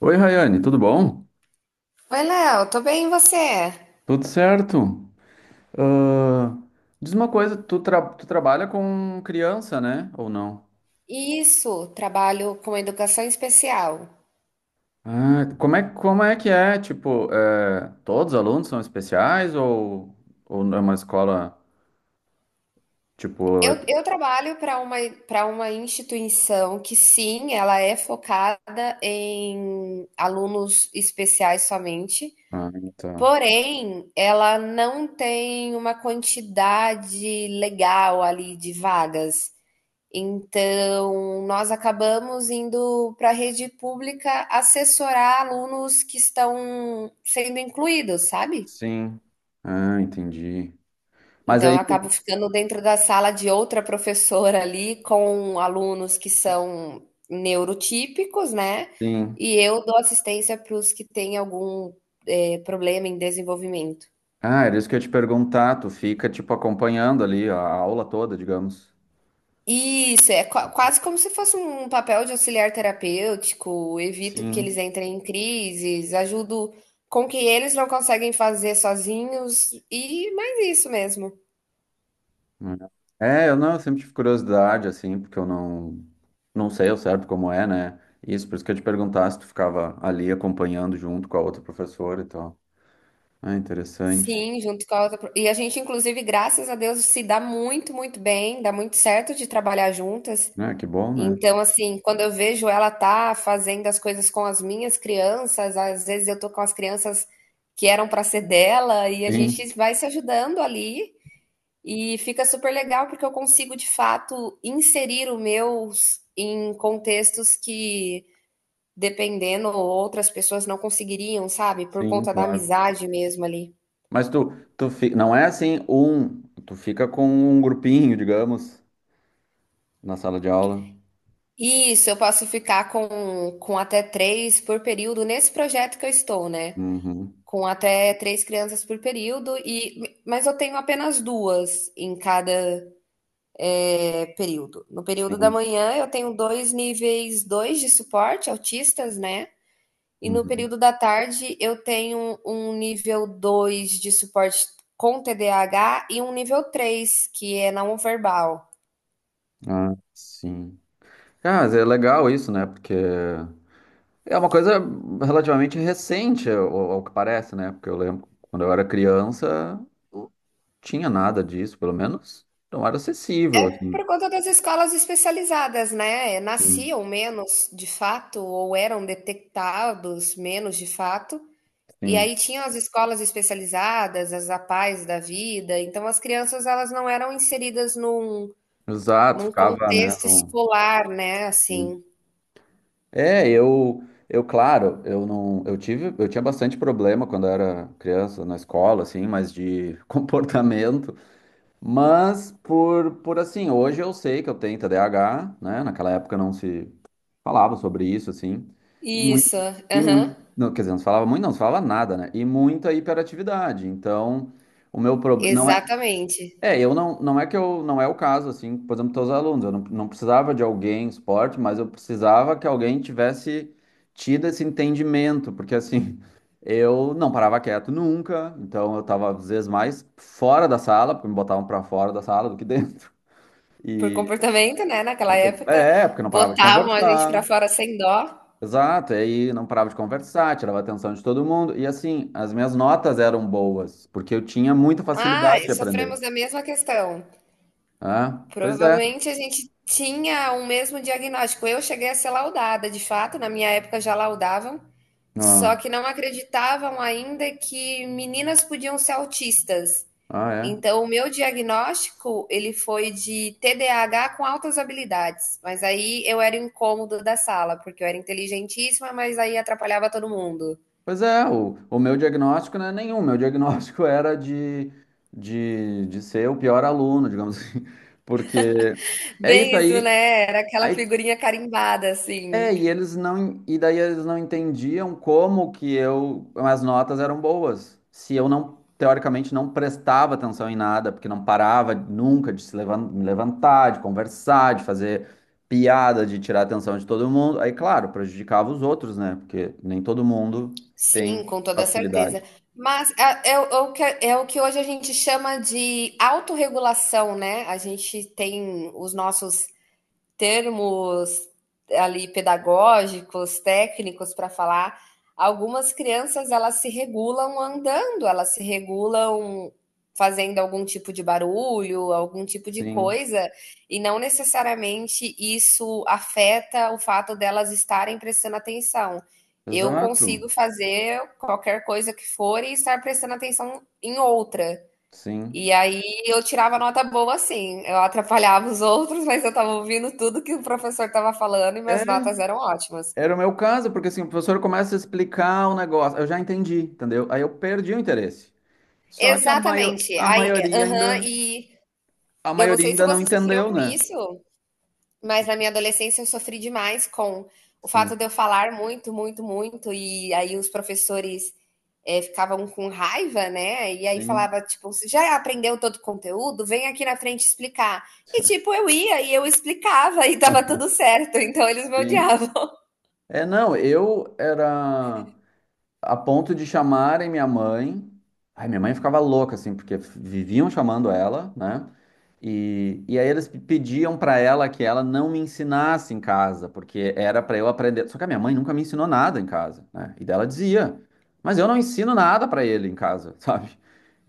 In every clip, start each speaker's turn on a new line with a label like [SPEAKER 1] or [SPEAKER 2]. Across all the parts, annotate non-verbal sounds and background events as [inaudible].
[SPEAKER 1] Oi, Rayane, tudo bom?
[SPEAKER 2] Oi, Léo, tô bem, e você?
[SPEAKER 1] Tudo certo? Ah, Diz uma coisa, tu, tu trabalha com criança, né? Ou não?
[SPEAKER 2] Isso, trabalho com educação especial.
[SPEAKER 1] Ah, como é que é? Tipo, todos os alunos são especiais ou é uma escola, tipo...
[SPEAKER 2] Eu,
[SPEAKER 1] é-
[SPEAKER 2] eu trabalho para uma instituição que, sim, ela é focada em alunos especiais somente,
[SPEAKER 1] Ah, tá.
[SPEAKER 2] porém, ela não tem uma quantidade legal ali de vagas. Então, nós acabamos indo para a rede pública assessorar alunos que estão sendo incluídos, sabe?
[SPEAKER 1] Sim. Ah, entendi. Mas
[SPEAKER 2] Então
[SPEAKER 1] aí,
[SPEAKER 2] eu acabo ficando dentro da sala de outra professora ali com alunos que são neurotípicos, né,
[SPEAKER 1] sim.
[SPEAKER 2] e eu dou assistência para os que têm algum, problema em desenvolvimento.
[SPEAKER 1] Ah, era isso que eu ia te perguntar. Tu fica, tipo, acompanhando ali a aula toda, digamos.
[SPEAKER 2] Isso, é quase como se fosse um papel de auxiliar terapêutico, evito que eles
[SPEAKER 1] Sim.
[SPEAKER 2] entrem em crises, ajudo com o que eles não conseguem fazer sozinhos, e mais isso mesmo.
[SPEAKER 1] É, é, eu não, Eu sempre tive curiosidade, assim, porque eu não, não sei ao certo como é, né? Isso, por isso que eu te perguntar se tu ficava ali acompanhando junto com a outra professora e tal. Ah, interessante.
[SPEAKER 2] Sim, junto com a outra. E a gente, inclusive, graças a Deus, se dá muito, muito bem, dá muito certo de trabalhar juntas.
[SPEAKER 1] Ah, que bom, né?
[SPEAKER 2] Então, assim, quando eu vejo ela tá fazendo as coisas com as minhas crianças, às vezes eu tô com as crianças que eram para ser dela, e a gente
[SPEAKER 1] Sim,
[SPEAKER 2] vai se ajudando ali, e fica super legal, porque eu consigo, de fato, inserir o meu em contextos que, dependendo, outras pessoas não conseguiriam, sabe? Por
[SPEAKER 1] sim,
[SPEAKER 2] conta da
[SPEAKER 1] claro.
[SPEAKER 2] amizade mesmo ali.
[SPEAKER 1] Mas tu, não é assim um, tu fica com um grupinho, digamos, na sala de aula.
[SPEAKER 2] Isso, eu posso ficar com até três por período nesse projeto que eu estou, né?
[SPEAKER 1] Uhum,
[SPEAKER 2] Com até três crianças por período, e mas eu tenho apenas duas em cada período. No período da
[SPEAKER 1] sim.
[SPEAKER 2] manhã, eu tenho dois níveis dois de suporte, autistas, né? E no
[SPEAKER 1] Uhum.
[SPEAKER 2] período da tarde, eu tenho um nível 2 de suporte com TDAH e um nível 3 que é não verbal.
[SPEAKER 1] Ah, sim. Ah, mas é legal isso, né? Porque é uma coisa relativamente recente, ao, ao que parece, né? Porque eu lembro quando eu era criança, não tinha nada disso, pelo menos não era acessível, assim.
[SPEAKER 2] Por conta das escolas especializadas, né?
[SPEAKER 1] Sim,
[SPEAKER 2] Nasciam menos de fato, ou eram detectados menos de fato. E
[SPEAKER 1] sim.
[SPEAKER 2] aí tinham as escolas especializadas, as APAES da vida. Então as crianças elas não eram inseridas num,
[SPEAKER 1] Exato,
[SPEAKER 2] num
[SPEAKER 1] ficava, né?
[SPEAKER 2] contexto escolar, né?
[SPEAKER 1] Sim.
[SPEAKER 2] Assim.
[SPEAKER 1] É, eu, claro, eu não, eu tive, eu tinha bastante problema quando eu era criança na escola, assim, mas de [laughs] comportamento. Mas por assim, hoje eu sei que eu tenho TDAH, né? Naquela época não se falava sobre isso, assim. E muito,
[SPEAKER 2] Isso,
[SPEAKER 1] e
[SPEAKER 2] aham.
[SPEAKER 1] muito, não, quer dizer, não se falava muito, não se falava nada, né? E muita hiperatividade. Então, o meu problema
[SPEAKER 2] Exatamente.
[SPEAKER 1] eu não, não é que eu, não é o caso, assim, por exemplo, teus alunos, eu não, não precisava de alguém em esporte, mas eu precisava que alguém tivesse tido esse entendimento, porque assim, [laughs] eu não parava quieto nunca, então eu tava às vezes mais fora da sala, porque me botavam pra fora da sala do que dentro, [laughs]
[SPEAKER 2] Por
[SPEAKER 1] e
[SPEAKER 2] comportamento, né? Naquela época,
[SPEAKER 1] é, porque eu não parava de
[SPEAKER 2] botavam a gente pra
[SPEAKER 1] conversar,
[SPEAKER 2] fora sem dó.
[SPEAKER 1] exato, e aí não parava de conversar, tirava a atenção de todo mundo, e assim, as minhas notas eram boas, porque eu tinha muita
[SPEAKER 2] Ah,
[SPEAKER 1] facilidade de aprender,
[SPEAKER 2] sofremos da mesma questão.
[SPEAKER 1] né? Pois é.
[SPEAKER 2] Provavelmente a gente tinha o mesmo diagnóstico. Eu cheguei a ser laudada, de fato, na minha época já laudavam, só
[SPEAKER 1] Ah.
[SPEAKER 2] que não acreditavam ainda que meninas podiam ser autistas.
[SPEAKER 1] Ah, é?
[SPEAKER 2] Então, o meu diagnóstico, ele foi de TDAH com altas habilidades, mas aí eu era o incômodo da sala, porque eu era inteligentíssima, mas aí atrapalhava todo mundo.
[SPEAKER 1] Pois é, o meu diagnóstico não é nenhum. Meu diagnóstico [laughs] era de, de ser o pior aluno, digamos assim. Porque é isso
[SPEAKER 2] Bem isso,
[SPEAKER 1] aí.
[SPEAKER 2] né? Era aquela
[SPEAKER 1] Aí
[SPEAKER 2] figurinha carimbada,
[SPEAKER 1] é,
[SPEAKER 2] assim.
[SPEAKER 1] e eles não, e daí eles não entendiam como que eu, as notas eram boas. Se eu não, teoricamente, não prestava atenção em nada, porque não parava nunca de se levan- me levantar, de conversar, de fazer piada, de tirar a atenção de todo mundo. Aí, claro, prejudicava os outros, né? Porque nem todo mundo tem
[SPEAKER 2] Sim, com toda certeza.
[SPEAKER 1] facilidade.
[SPEAKER 2] Mas é, é o que hoje a gente chama de autorregulação, né? A gente tem os nossos termos ali pedagógicos, técnicos para falar. Algumas crianças elas se regulam andando, elas se regulam fazendo algum tipo de barulho, algum tipo de
[SPEAKER 1] Sim,
[SPEAKER 2] coisa, e não necessariamente isso afeta o fato delas estarem prestando atenção. Eu
[SPEAKER 1] exato.
[SPEAKER 2] consigo fazer qualquer coisa que for e estar prestando atenção em outra.
[SPEAKER 1] Sim.
[SPEAKER 2] E aí eu tirava nota boa assim, eu atrapalhava os outros, mas eu estava ouvindo tudo que o professor estava falando e
[SPEAKER 1] É,
[SPEAKER 2] minhas notas eram ótimas.
[SPEAKER 1] era o meu caso, porque assim, o professor começa a explicar o negócio, eu já entendi, entendeu? Aí eu perdi o interesse. Só que
[SPEAKER 2] Exatamente. Aí, é, aham, e
[SPEAKER 1] a
[SPEAKER 2] eu não
[SPEAKER 1] maioria
[SPEAKER 2] sei se
[SPEAKER 1] ainda não
[SPEAKER 2] você sofreu
[SPEAKER 1] entendeu,
[SPEAKER 2] com
[SPEAKER 1] né?
[SPEAKER 2] isso, mas na minha adolescência eu sofri demais com o fato
[SPEAKER 1] Sim,
[SPEAKER 2] de eu falar muito, muito, muito, e aí os professores ficavam com raiva, né? E aí
[SPEAKER 1] sim,
[SPEAKER 2] falava, tipo, você já aprendeu todo o conteúdo? Vem aqui na frente explicar. E, tipo,
[SPEAKER 1] [laughs]
[SPEAKER 2] eu ia e eu explicava [laughs] e tava tudo certo, então eles me
[SPEAKER 1] sim.
[SPEAKER 2] odiavam. [laughs]
[SPEAKER 1] É, não, eu era a ponto de chamarem minha mãe. Ai, minha mãe ficava louca, assim, porque viviam chamando ela, né? E aí eles pediam pra ela que ela não me ensinasse em casa, porque era pra eu aprender. Só que a minha mãe nunca me ensinou nada em casa, né? E daí ela dizia, mas eu não ensino nada pra ele em casa, [laughs] sabe?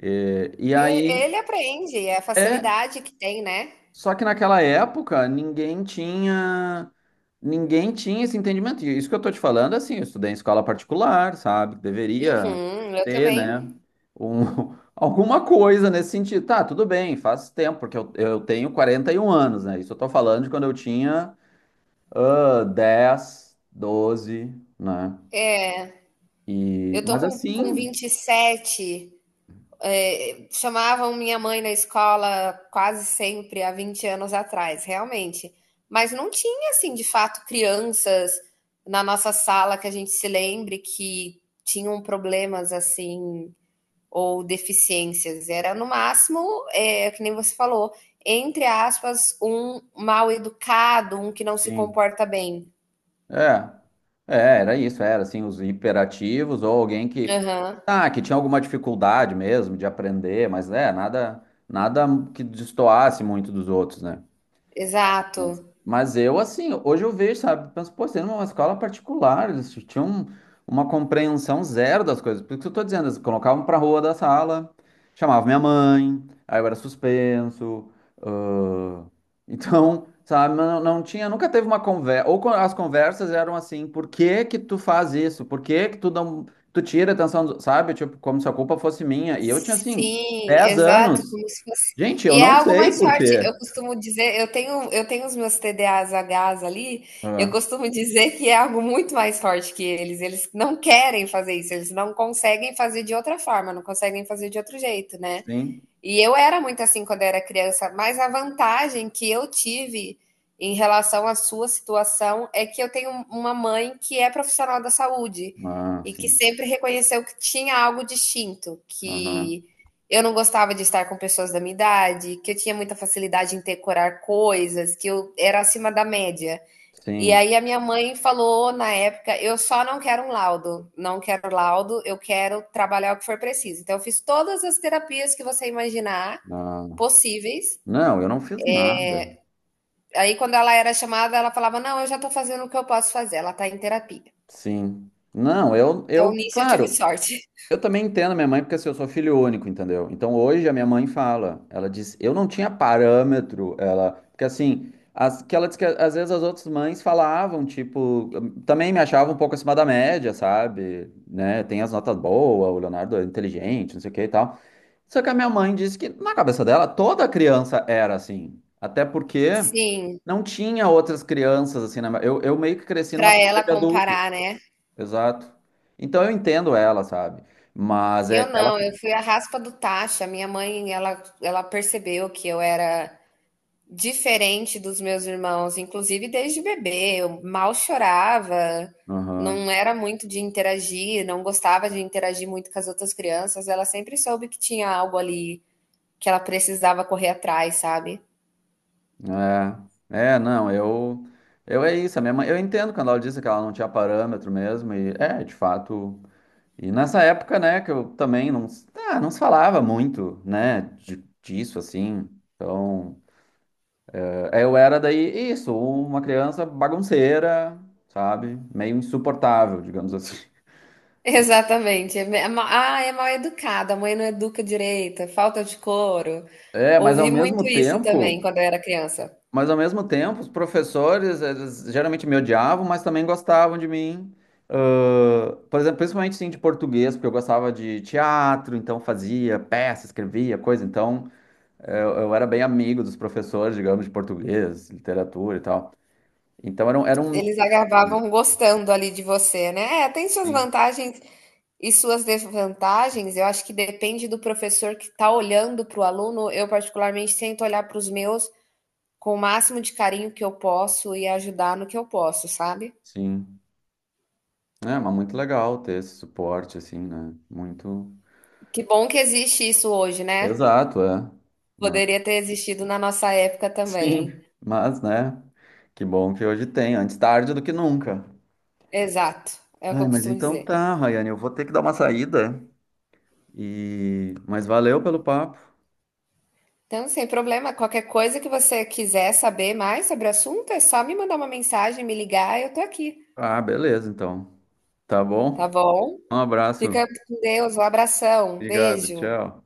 [SPEAKER 1] E aí,
[SPEAKER 2] Ele aprende, é a
[SPEAKER 1] é,
[SPEAKER 2] facilidade que tem, né?
[SPEAKER 1] só que naquela época ninguém tinha, ninguém tinha esse entendimento. E isso que eu tô te falando, assim, eu estudei em escola particular, sabe? Deveria
[SPEAKER 2] Uhum, eu
[SPEAKER 1] ter, né?
[SPEAKER 2] também.
[SPEAKER 1] Um, [laughs] alguma coisa nesse sentido. Tá, tudo bem, faz tempo, porque eu tenho 41 anos, né? Isso eu tô falando de quando eu tinha 10, 12, né? E,
[SPEAKER 2] Eu tô
[SPEAKER 1] mas
[SPEAKER 2] com
[SPEAKER 1] assim,
[SPEAKER 2] 27. É, chamavam minha mãe na escola quase sempre há 20 anos atrás, realmente. Mas não tinha, assim, de fato, crianças na nossa sala que a gente se lembre que tinham problemas assim ou deficiências. Era no máximo, que nem você falou, entre aspas, um mal educado, um que não se
[SPEAKER 1] sim.
[SPEAKER 2] comporta bem.
[SPEAKER 1] É, era isso, era assim, os hiperativos ou alguém que,
[SPEAKER 2] Aham,
[SPEAKER 1] ah, que tinha alguma dificuldade mesmo de aprender, mas é, nada, nada que destoasse muito dos outros, né?
[SPEAKER 2] exato.
[SPEAKER 1] Mas eu, assim, hoje eu vejo, sabe? Penso, pô, sendo uma escola particular, eles tinham uma compreensão zero das coisas. Por isso que eu tô dizendo, eles colocavam pra rua da sala, chamavam minha mãe, aí eu era suspenso. ãh, Então, sabe, não tinha, nunca teve uma conversa. Ou as conversas eram assim, por que que tu faz isso? Por que que tu não, tu tira a atenção, sabe? Tipo, como se a culpa fosse minha. E eu tinha, assim,
[SPEAKER 2] Sim,
[SPEAKER 1] 10
[SPEAKER 2] exato,
[SPEAKER 1] anos.
[SPEAKER 2] como se fosse.
[SPEAKER 1] Gente, eu
[SPEAKER 2] E é
[SPEAKER 1] não
[SPEAKER 2] algo
[SPEAKER 1] sei
[SPEAKER 2] mais
[SPEAKER 1] por
[SPEAKER 2] forte. Eu
[SPEAKER 1] quê.
[SPEAKER 2] costumo dizer, eu tenho os meus TDAHs ali, eu
[SPEAKER 1] Ah,
[SPEAKER 2] costumo dizer que é algo muito mais forte que eles. Eles não querem fazer isso, eles não conseguem fazer de outra forma, não conseguem fazer de outro jeito, né.
[SPEAKER 1] sim.
[SPEAKER 2] E eu era muito assim quando era criança, mas a vantagem que eu tive em relação à sua situação é que eu tenho uma mãe que é profissional da saúde
[SPEAKER 1] Ah,
[SPEAKER 2] e que
[SPEAKER 1] sim.
[SPEAKER 2] sempre reconheceu que tinha algo distinto,
[SPEAKER 1] Aham.
[SPEAKER 2] que eu não gostava de estar com pessoas da minha idade, que eu tinha muita facilidade em decorar coisas, que eu era acima da média. E
[SPEAKER 1] Sim.
[SPEAKER 2] aí a minha mãe falou na época, eu só não quero um laudo, não quero laudo, eu quero trabalhar o que for preciso. Então eu fiz todas as terapias que você imaginar
[SPEAKER 1] Ah.
[SPEAKER 2] possíveis.
[SPEAKER 1] Não, eu não fiz nada.
[SPEAKER 2] Aí quando ela era chamada, ela falava: "Não, eu já tô fazendo o que eu posso fazer, ela tá em terapia".
[SPEAKER 1] Sim. Não,
[SPEAKER 2] Então
[SPEAKER 1] eu,
[SPEAKER 2] nisso eu tive
[SPEAKER 1] claro,
[SPEAKER 2] sorte.
[SPEAKER 1] eu também entendo a minha mãe porque assim, eu sou filho único, entendeu? Então hoje a minha mãe fala, ela diz, eu não tinha parâmetro, ela, porque assim, as, que ela diz que às vezes as outras mães falavam, tipo, também me achavam um pouco acima da média, sabe? Né? Tem as notas boas, o Leonardo é inteligente, não sei o que e tal. Só que a minha mãe disse que na cabeça dela toda criança era assim, até porque
[SPEAKER 2] [laughs] Sim,
[SPEAKER 1] não tinha outras crianças, assim, na... eu meio que cresci numa
[SPEAKER 2] pra
[SPEAKER 1] família
[SPEAKER 2] ela
[SPEAKER 1] de adulto,
[SPEAKER 2] comparar, né.
[SPEAKER 1] exato. Então eu entendo ela, sabe? Mas é
[SPEAKER 2] Eu
[SPEAKER 1] que ela.
[SPEAKER 2] não, eu fui a raspa do tacho, a minha mãe ela percebeu que eu era diferente dos meus irmãos, inclusive desde bebê, eu mal chorava,
[SPEAKER 1] Aham.
[SPEAKER 2] não era muito de interagir, não gostava de interagir muito com as outras crianças, ela sempre soube que tinha algo ali que ela precisava correr atrás, sabe?
[SPEAKER 1] É, é, não, eu. Eu é isso, a minha mãe. Eu entendo quando ela disse que ela não tinha parâmetro mesmo, e é, de fato. E nessa época, né, que eu também não, não se falava muito, né, disso, assim. Então, é, eu era daí, isso, uma criança bagunceira, sabe? Meio insuportável, digamos assim.
[SPEAKER 2] [laughs] Exatamente. Ah, é mal educada, a mãe não educa direito, é falta de couro.
[SPEAKER 1] É, mas ao
[SPEAKER 2] Ouvi muito
[SPEAKER 1] mesmo
[SPEAKER 2] isso também
[SPEAKER 1] tempo,
[SPEAKER 2] quando eu era criança.
[SPEAKER 1] mas ao mesmo tempo, os professores, eles geralmente me odiavam, mas também gostavam de mim. Por exemplo, principalmente sim de português, porque eu gostava de teatro, então fazia peça, escrevia coisa, então eu era bem amigo dos professores, digamos, de português, literatura e tal. Então era um mix,
[SPEAKER 2] Eles acabavam gostando ali de você, né? É, tem suas
[SPEAKER 1] sim,
[SPEAKER 2] vantagens e suas desvantagens. Eu acho que depende do professor que está olhando para o aluno. Eu, particularmente, tento olhar para os meus com o máximo de carinho que eu posso e ajudar no que eu posso, sabe?
[SPEAKER 1] sim. É, mas muito legal ter esse suporte, assim, né? Muito.
[SPEAKER 2] Que bom que existe isso hoje, né?
[SPEAKER 1] Exato, é. Né?
[SPEAKER 2] Poderia ter existido na nossa época também.
[SPEAKER 1] Sim, mas né? Que bom que hoje tem, antes tarde do que nunca.
[SPEAKER 2] Exato, é o que
[SPEAKER 1] Ai,
[SPEAKER 2] eu
[SPEAKER 1] mas
[SPEAKER 2] costumo
[SPEAKER 1] então
[SPEAKER 2] dizer.
[SPEAKER 1] tá, Rayane, eu vou ter que dar uma saída e mas valeu pelo papo.
[SPEAKER 2] Então, sem problema, qualquer coisa que você quiser saber mais sobre o assunto, é só me mandar uma mensagem, me ligar, eu tô aqui,
[SPEAKER 1] Ah, beleza, então. Tá bom?
[SPEAKER 2] tá bom?
[SPEAKER 1] Um abraço.
[SPEAKER 2] Fica com Deus, um abração,
[SPEAKER 1] Obrigado,
[SPEAKER 2] beijo.
[SPEAKER 1] tchau.